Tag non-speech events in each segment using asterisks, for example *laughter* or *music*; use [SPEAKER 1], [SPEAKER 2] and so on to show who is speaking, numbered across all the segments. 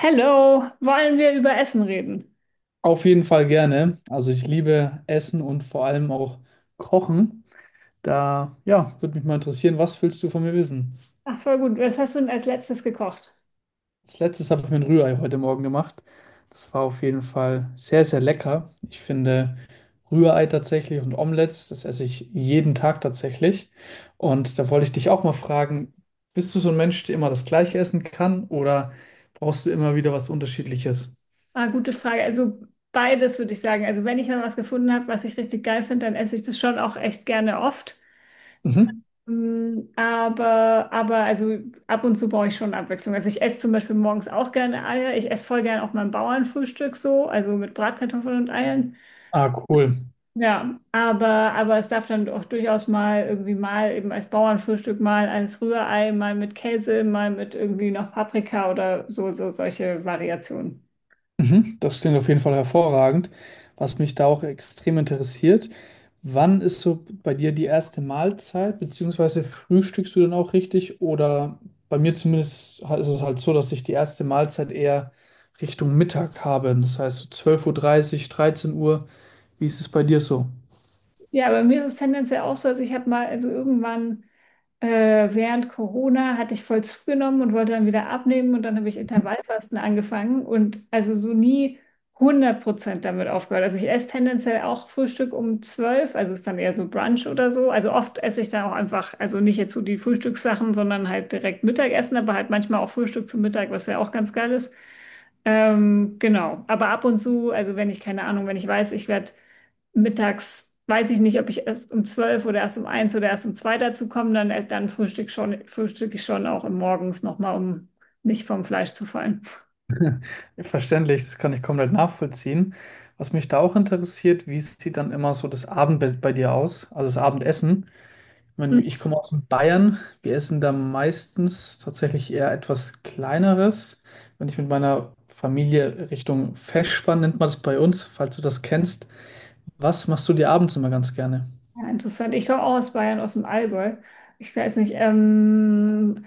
[SPEAKER 1] Hello, wollen wir über Essen reden?
[SPEAKER 2] Auf jeden Fall gerne. Also ich liebe Essen und vor allem auch Kochen. Da, ja, würde mich mal interessieren, was willst du von mir wissen?
[SPEAKER 1] Ach, voll gut. Was hast du denn als letztes gekocht?
[SPEAKER 2] Als letztes habe ich mir ein Rührei heute Morgen gemacht. Das war auf jeden Fall sehr, sehr lecker. Ich finde Rührei tatsächlich und Omelettes, das esse ich jeden Tag tatsächlich. Und da wollte ich dich auch mal fragen, bist du so ein Mensch, der immer das Gleiche essen kann oder brauchst du immer wieder was Unterschiedliches?
[SPEAKER 1] Ah, gute Frage. Also beides würde ich sagen. Also wenn ich mal was gefunden habe, was ich richtig geil finde, dann esse ich das schon auch echt gerne oft.
[SPEAKER 2] Mhm.
[SPEAKER 1] Mm, aber also ab und zu brauche ich schon Abwechslung. Also ich esse zum Beispiel morgens auch gerne Eier. Ich esse voll gerne auch mein Bauernfrühstück so, also mit Bratkartoffeln und Eiern.
[SPEAKER 2] Ah, cool.
[SPEAKER 1] Ja, aber es darf dann auch durchaus mal irgendwie mal eben als Bauernfrühstück, mal als Rührei, mal mit Käse, mal mit irgendwie noch Paprika oder so, so solche Variationen.
[SPEAKER 2] Mhm, das klingt auf jeden Fall hervorragend. Was mich da auch extrem interessiert, wann ist so bei dir die erste Mahlzeit, beziehungsweise frühstückst du dann auch richtig? Oder bei mir zumindest ist es halt so, dass ich die erste Mahlzeit eher Richtung Mittag habe. Das heißt so 12:30 Uhr, dreißig, 13 Uhr. Wie ist es bei dir so?
[SPEAKER 1] Ja, bei mir ist es tendenziell auch so, also ich habe mal, also irgendwann äh, während Corona hatte ich voll zugenommen und wollte dann wieder abnehmen und dann habe ich Intervallfasten angefangen und also so nie 100% damit aufgehört. Also ich esse tendenziell auch Frühstück um 12, also ist dann eher so Brunch oder so. Also oft esse ich dann auch einfach, also nicht jetzt so die Frühstückssachen, sondern halt direkt Mittagessen, aber halt manchmal auch Frühstück zum Mittag, was ja auch ganz geil ist. Genau, aber ab und zu, also wenn ich keine Ahnung, wenn ich weiß, ich werde mittags, weiß ich nicht, ob ich erst um 12 oder erst um eins oder erst um 2 dazu komme, dann frühstück ich schon auch morgens nochmal, um nicht vom Fleisch zu fallen.
[SPEAKER 2] *laughs* Verständlich, das kann ich komplett nachvollziehen. Was mich da auch interessiert, wie sieht dann immer so das Abendbett bei dir aus, also das Abendessen? Ich meine, ich komme aus Bayern. Wir essen da meistens tatsächlich eher etwas Kleineres. Wenn ich mit meiner Familie Richtung Feschbar, nennt man das bei uns, falls du das kennst. Was machst du dir abends immer ganz gerne?
[SPEAKER 1] Ja, interessant. Ich komme auch aus Bayern, aus dem Allgäu. Ich weiß nicht,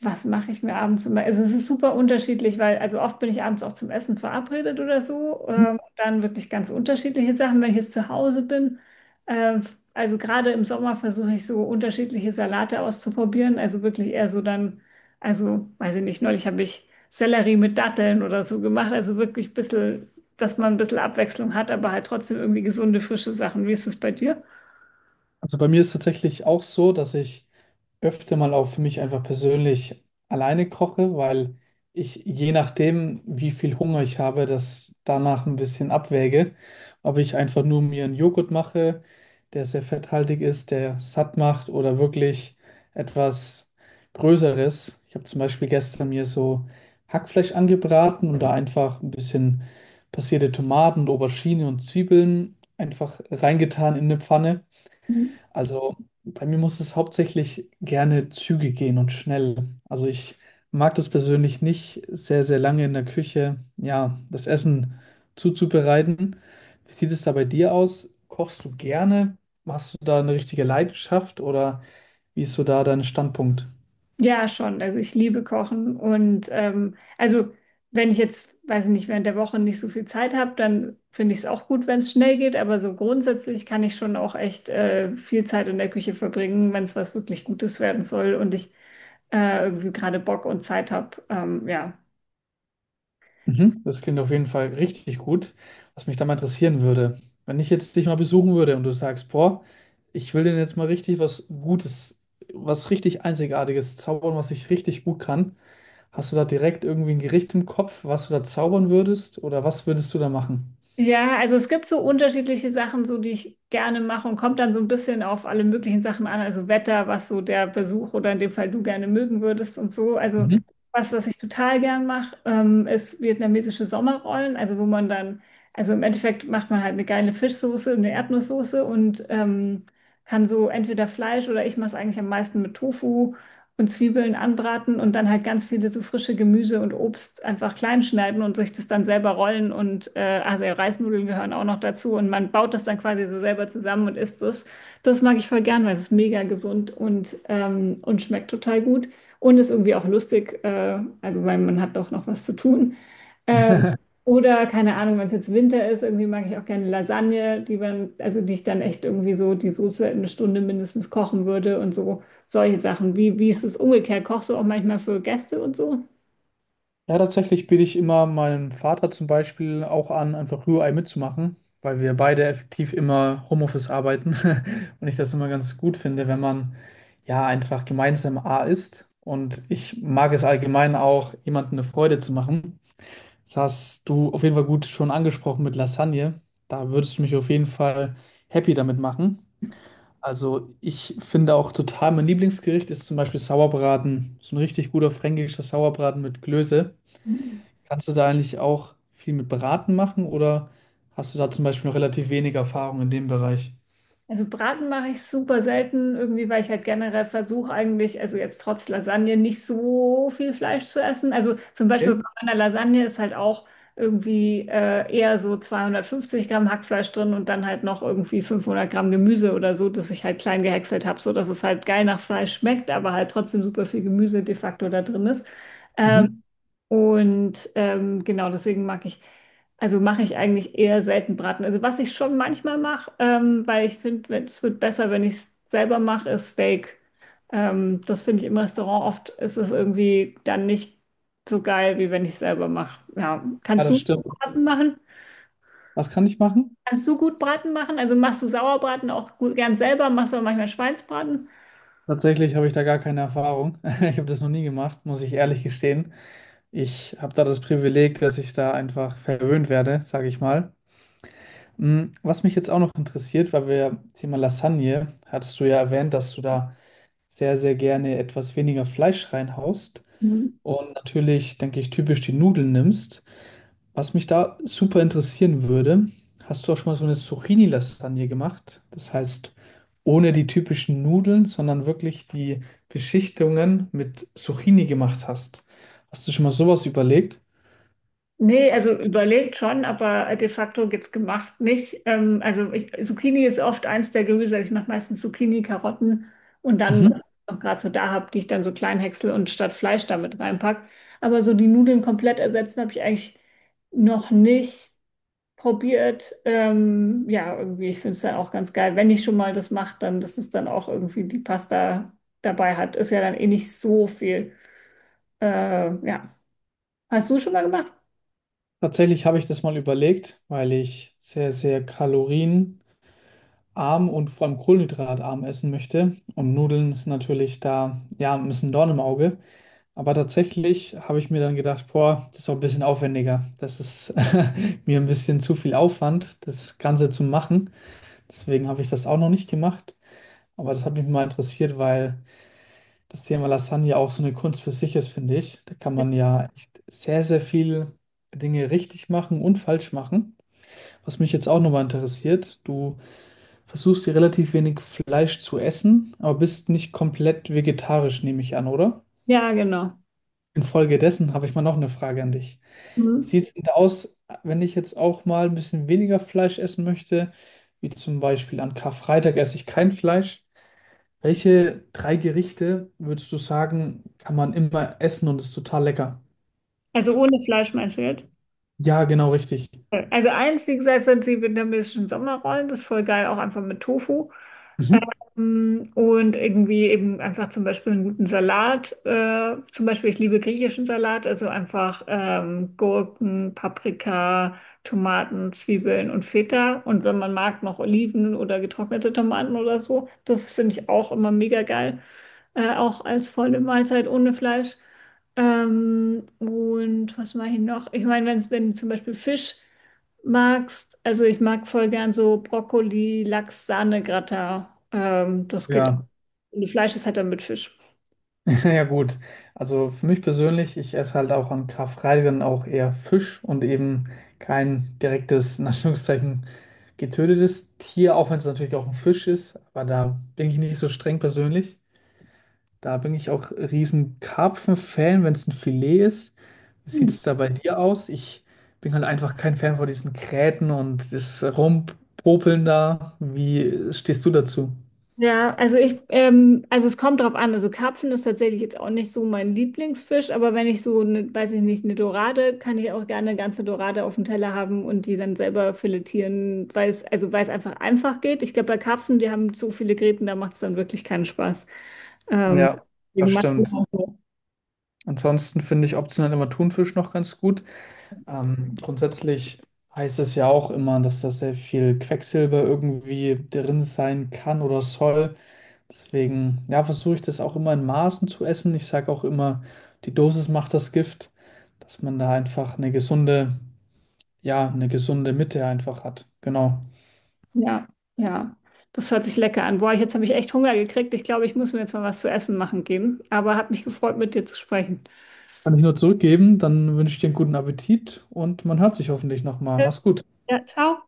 [SPEAKER 1] was mache ich mir abends immer? Also es ist super unterschiedlich, weil also oft bin ich abends auch zum Essen verabredet oder so. Dann wirklich ganz unterschiedliche Sachen, wenn ich jetzt zu Hause bin. Äh, also gerade im Sommer versuche ich so unterschiedliche Salate auszuprobieren. Also wirklich eher so dann, also weiß ich nicht, neulich habe ich Sellerie mit Datteln oder so gemacht. Also wirklich ein bisschen, dass man ein bisschen Abwechslung hat, aber halt trotzdem irgendwie gesunde, frische Sachen. Wie ist es bei dir?
[SPEAKER 2] Also bei mir ist tatsächlich auch so, dass ich öfter mal auch für mich einfach persönlich alleine koche, weil ich je nachdem, wie viel Hunger ich habe, das danach ein bisschen abwäge. Ob ich einfach nur mir einen Joghurt mache, der sehr fetthaltig ist, der satt macht oder wirklich etwas Größeres. Ich habe zum Beispiel gestern mir so Hackfleisch angebraten und da einfach ein bisschen passierte Tomaten, Aubergine und Zwiebeln einfach reingetan in eine Pfanne. Also bei mir muss es hauptsächlich gerne Züge gehen und schnell. Also ich mag das persönlich nicht, sehr, sehr lange in der Küche, ja, das Essen zuzubereiten. Wie sieht es da bei dir aus? Kochst du gerne? Hast du da eine richtige Leidenschaft oder wie ist so da dein Standpunkt?
[SPEAKER 1] Ja, schon. Also ich liebe Kochen und also wenn ich jetzt, weiß ich nicht, während der Woche nicht so viel Zeit habe, dann finde ich es auch gut, wenn es schnell geht. Aber so grundsätzlich kann ich schon auch echt viel Zeit in der Küche verbringen, wenn es was wirklich Gutes werden soll und ich irgendwie gerade Bock und Zeit habe. Ja.
[SPEAKER 2] Mhm. Das klingt auf jeden Fall richtig gut. Was mich da mal interessieren würde, wenn ich jetzt dich mal besuchen würde und du sagst, boah, ich will denen jetzt mal richtig was Gutes, was richtig Einzigartiges zaubern, was ich richtig gut kann. Hast du da direkt irgendwie ein Gericht im Kopf, was du da zaubern würdest oder was würdest du da machen?
[SPEAKER 1] Ja, also es gibt so unterschiedliche Sachen, so die ich gerne mache und kommt dann so ein bisschen auf alle möglichen Sachen an, also Wetter, was so der Besuch oder in dem Fall du gerne mögen würdest und so. Also was ich total gern mache, ist vietnamesische Sommerrollen, also wo man dann, also im Endeffekt macht man halt eine geile Fischsoße, eine Erdnusssoße und kann so entweder Fleisch oder ich mache es eigentlich am meisten mit Tofu und Zwiebeln anbraten und dann halt ganz viele so frische Gemüse und Obst einfach klein schneiden und sich das dann selber rollen und also ja, Reisnudeln gehören auch noch dazu und man baut das dann quasi so selber zusammen und isst es. Das mag ich voll gern, weil es ist mega gesund und und schmeckt total gut und ist irgendwie auch lustig, also weil man hat doch noch was zu tun. Ähm, oder keine Ahnung, wenn es jetzt Winter ist, irgendwie mag ich auch gerne Lasagne, die man, also die ich dann echt irgendwie so die Soße 1 Stunde mindestens kochen würde und so solche Sachen. Wie ist es umgekehrt? Kochst du auch manchmal für Gäste und so?
[SPEAKER 2] Ja, tatsächlich biete ich immer meinem Vater zum Beispiel auch an, einfach Rührei mitzumachen, weil wir beide effektiv immer Homeoffice arbeiten *laughs* und ich das immer ganz gut finde, wenn man ja einfach gemeinsam A isst. Und ich mag es allgemein auch, jemandem eine Freude zu machen. Das hast du auf jeden Fall gut schon angesprochen mit Lasagne. Da würdest du mich auf jeden Fall happy damit machen. Also ich finde auch total, mein Lieblingsgericht ist zum Beispiel Sauerbraten. So ein richtig guter fränkischer Sauerbraten mit Klöße. Kannst du da eigentlich auch viel mit Beraten machen oder hast du da zum Beispiel noch relativ wenig Erfahrung in dem Bereich?
[SPEAKER 1] Also Braten mache ich super selten, irgendwie, weil ich halt generell versuche eigentlich, also jetzt trotz Lasagne, nicht so viel Fleisch zu essen. Also zum Beispiel
[SPEAKER 2] Okay.
[SPEAKER 1] bei meiner Lasagne ist halt auch irgendwie eher so 250 Gramm Hackfleisch drin und dann halt noch irgendwie 500 Gramm Gemüse oder so, dass ich halt klein gehäckselt habe, so dass es halt geil nach Fleisch schmeckt, aber halt trotzdem super viel Gemüse de facto da drin ist. Äh,
[SPEAKER 2] Mhm.
[SPEAKER 1] genau deswegen mag ich, also mache ich eigentlich eher selten Braten. Also was ich schon manchmal mache, weil ich finde, es wird besser, wenn ich es selber mache, ist Steak. Das finde ich im Restaurant oft, ist es irgendwie dann nicht so geil, wie wenn ich es selber mache. Ja,
[SPEAKER 2] Ja,
[SPEAKER 1] kannst
[SPEAKER 2] das
[SPEAKER 1] du
[SPEAKER 2] stimmt.
[SPEAKER 1] Braten machen?
[SPEAKER 2] Was kann ich machen?
[SPEAKER 1] Kannst du gut Braten machen? Also machst du Sauerbraten auch gut, gern selber? Machst du auch manchmal Schweinsbraten?
[SPEAKER 2] Tatsächlich habe ich da gar keine Erfahrung. *laughs* Ich habe das noch nie gemacht, muss ich ehrlich gestehen. Ich habe da das Privileg, dass ich da einfach verwöhnt werde, sage ich mal. Hm, was mich jetzt auch noch interessiert, weil wir Thema Lasagne, hattest du ja erwähnt, dass du da sehr, sehr gerne etwas weniger Fleisch reinhaust
[SPEAKER 1] Mhm.
[SPEAKER 2] und natürlich, denke ich, typisch die Nudeln nimmst. Was mich da super interessieren würde, hast du auch schon mal so eine Zucchini-Lasagne gemacht? Das heißt, ohne die typischen Nudeln, sondern wirklich die Beschichtungen mit Zucchini gemacht hast. Hast du schon mal sowas überlegt?
[SPEAKER 1] Nee, also überlegt schon, aber de facto jetzt gemacht nicht. Also ich, Zucchini ist oft eins der Gemüse. Also ich mache meistens Zucchini, Karotten und dann,
[SPEAKER 2] Mhm.
[SPEAKER 1] was ich noch gerade so da habe, die ich dann so klein häcksel und statt Fleisch damit reinpack. Aber so die Nudeln komplett ersetzen habe ich eigentlich noch nicht probiert. Ja, irgendwie, ich finde es dann auch ganz geil. Wenn ich schon mal das mache, dann, dass es dann auch irgendwie die Pasta dabei hat. Ist ja dann eh nicht so viel. Ja. Hast du schon mal gemacht?
[SPEAKER 2] Tatsächlich habe ich das mal überlegt, weil ich sehr, sehr kalorienarm und vor allem kohlenhydratarm essen möchte. Und Nudeln ist natürlich da, ja, ein bisschen Dorn im Auge. Aber tatsächlich habe ich mir dann gedacht, boah, das ist auch ein bisschen aufwendiger. Das ist *laughs* mir ein bisschen zu viel Aufwand, das Ganze zu machen. Deswegen habe ich das auch noch nicht gemacht. Aber das hat mich mal interessiert, weil das Thema Lasagne auch so eine Kunst für sich ist, finde ich. Da kann man ja echt sehr, sehr viel Dinge richtig machen und falsch machen. Was mich jetzt auch nochmal interessiert, du versuchst hier relativ wenig Fleisch zu essen, aber bist nicht komplett vegetarisch, nehme ich an, oder?
[SPEAKER 1] Ja, genau.
[SPEAKER 2] Infolgedessen habe ich mal noch eine Frage an dich. Wie
[SPEAKER 1] Mhm.
[SPEAKER 2] sieht es denn aus, wenn ich jetzt auch mal ein bisschen weniger Fleisch essen möchte? Wie zum Beispiel an Karfreitag esse ich kein Fleisch. Welche drei Gerichte würdest du sagen, kann man immer essen und ist total lecker?
[SPEAKER 1] Also ohne Fleischmesse jetzt.
[SPEAKER 2] Ja, genau richtig.
[SPEAKER 1] Also eins, wie gesagt, sind die vietnamesischen Sommerrollen. Das ist voll geil, auch einfach mit Tofu.
[SPEAKER 2] Mhm.
[SPEAKER 1] Und irgendwie eben einfach zum Beispiel einen guten Salat. Zum Beispiel, ich liebe griechischen Salat, also einfach Gurken, Paprika, Tomaten, Zwiebeln und Feta. Und wenn man mag, noch Oliven oder getrocknete Tomaten oder so. Das finde ich auch immer mega geil. Auch als volle Mahlzeit ohne Fleisch. Und was mache ich noch? Ich meine, wenn zum Beispiel Fisch magst, also ich mag voll gern so Brokkoli, Lachs, Sahne, Gratin. Das geht auch.
[SPEAKER 2] Ja,
[SPEAKER 1] Und Fleisch ist halt dann mit Fisch.
[SPEAKER 2] *laughs* ja gut. Also für mich persönlich, ich esse halt auch an Karfreitag dann auch eher Fisch und eben kein direktes, in Anführungszeichen, getötetes Tier, auch wenn es natürlich auch ein Fisch ist, aber da bin ich nicht so streng persönlich. Da bin ich auch riesen Karpfen-Fan, wenn es ein Filet ist. Wie sieht
[SPEAKER 1] Hm.
[SPEAKER 2] es da bei dir aus? Ich bin halt einfach kein Fan von diesen Gräten und das Rumpopeln da. Wie stehst du dazu?
[SPEAKER 1] Ja, also es kommt drauf an. Also Karpfen ist tatsächlich jetzt auch nicht so mein Lieblingsfisch, aber wenn ich so, eine, weiß ich nicht, eine Dorade, kann ich auch gerne eine ganze Dorade auf dem Teller haben und die dann selber filetieren, weil es, also weil es einfach geht. Ich glaube, bei Karpfen, die haben so viele Gräten, da macht es dann wirklich keinen Spaß. Ähm,
[SPEAKER 2] Ja, das
[SPEAKER 1] Deswegen mag ich
[SPEAKER 2] stimmt.
[SPEAKER 1] auch so.
[SPEAKER 2] Ansonsten finde ich optional immer Thunfisch noch ganz gut. Grundsätzlich heißt es ja auch immer, dass da sehr viel Quecksilber irgendwie drin sein kann oder soll. Deswegen, ja, versuche ich das auch immer in Maßen zu essen. Ich sage auch immer, die Dosis macht das Gift, dass man da einfach eine gesunde, ja, eine gesunde Mitte einfach hat. Genau.
[SPEAKER 1] Ja, ja. Das hört sich lecker an. Boah, ich, jetzt habe ich echt Hunger gekriegt. Ich glaube, ich muss mir jetzt mal was zu essen machen gehen. Aber hat mich gefreut, mit dir zu sprechen.
[SPEAKER 2] Kann ich nur zurückgeben, dann wünsche ich dir einen guten Appetit und man hört sich hoffentlich nochmal. Mach's gut.
[SPEAKER 1] Ja, ciao.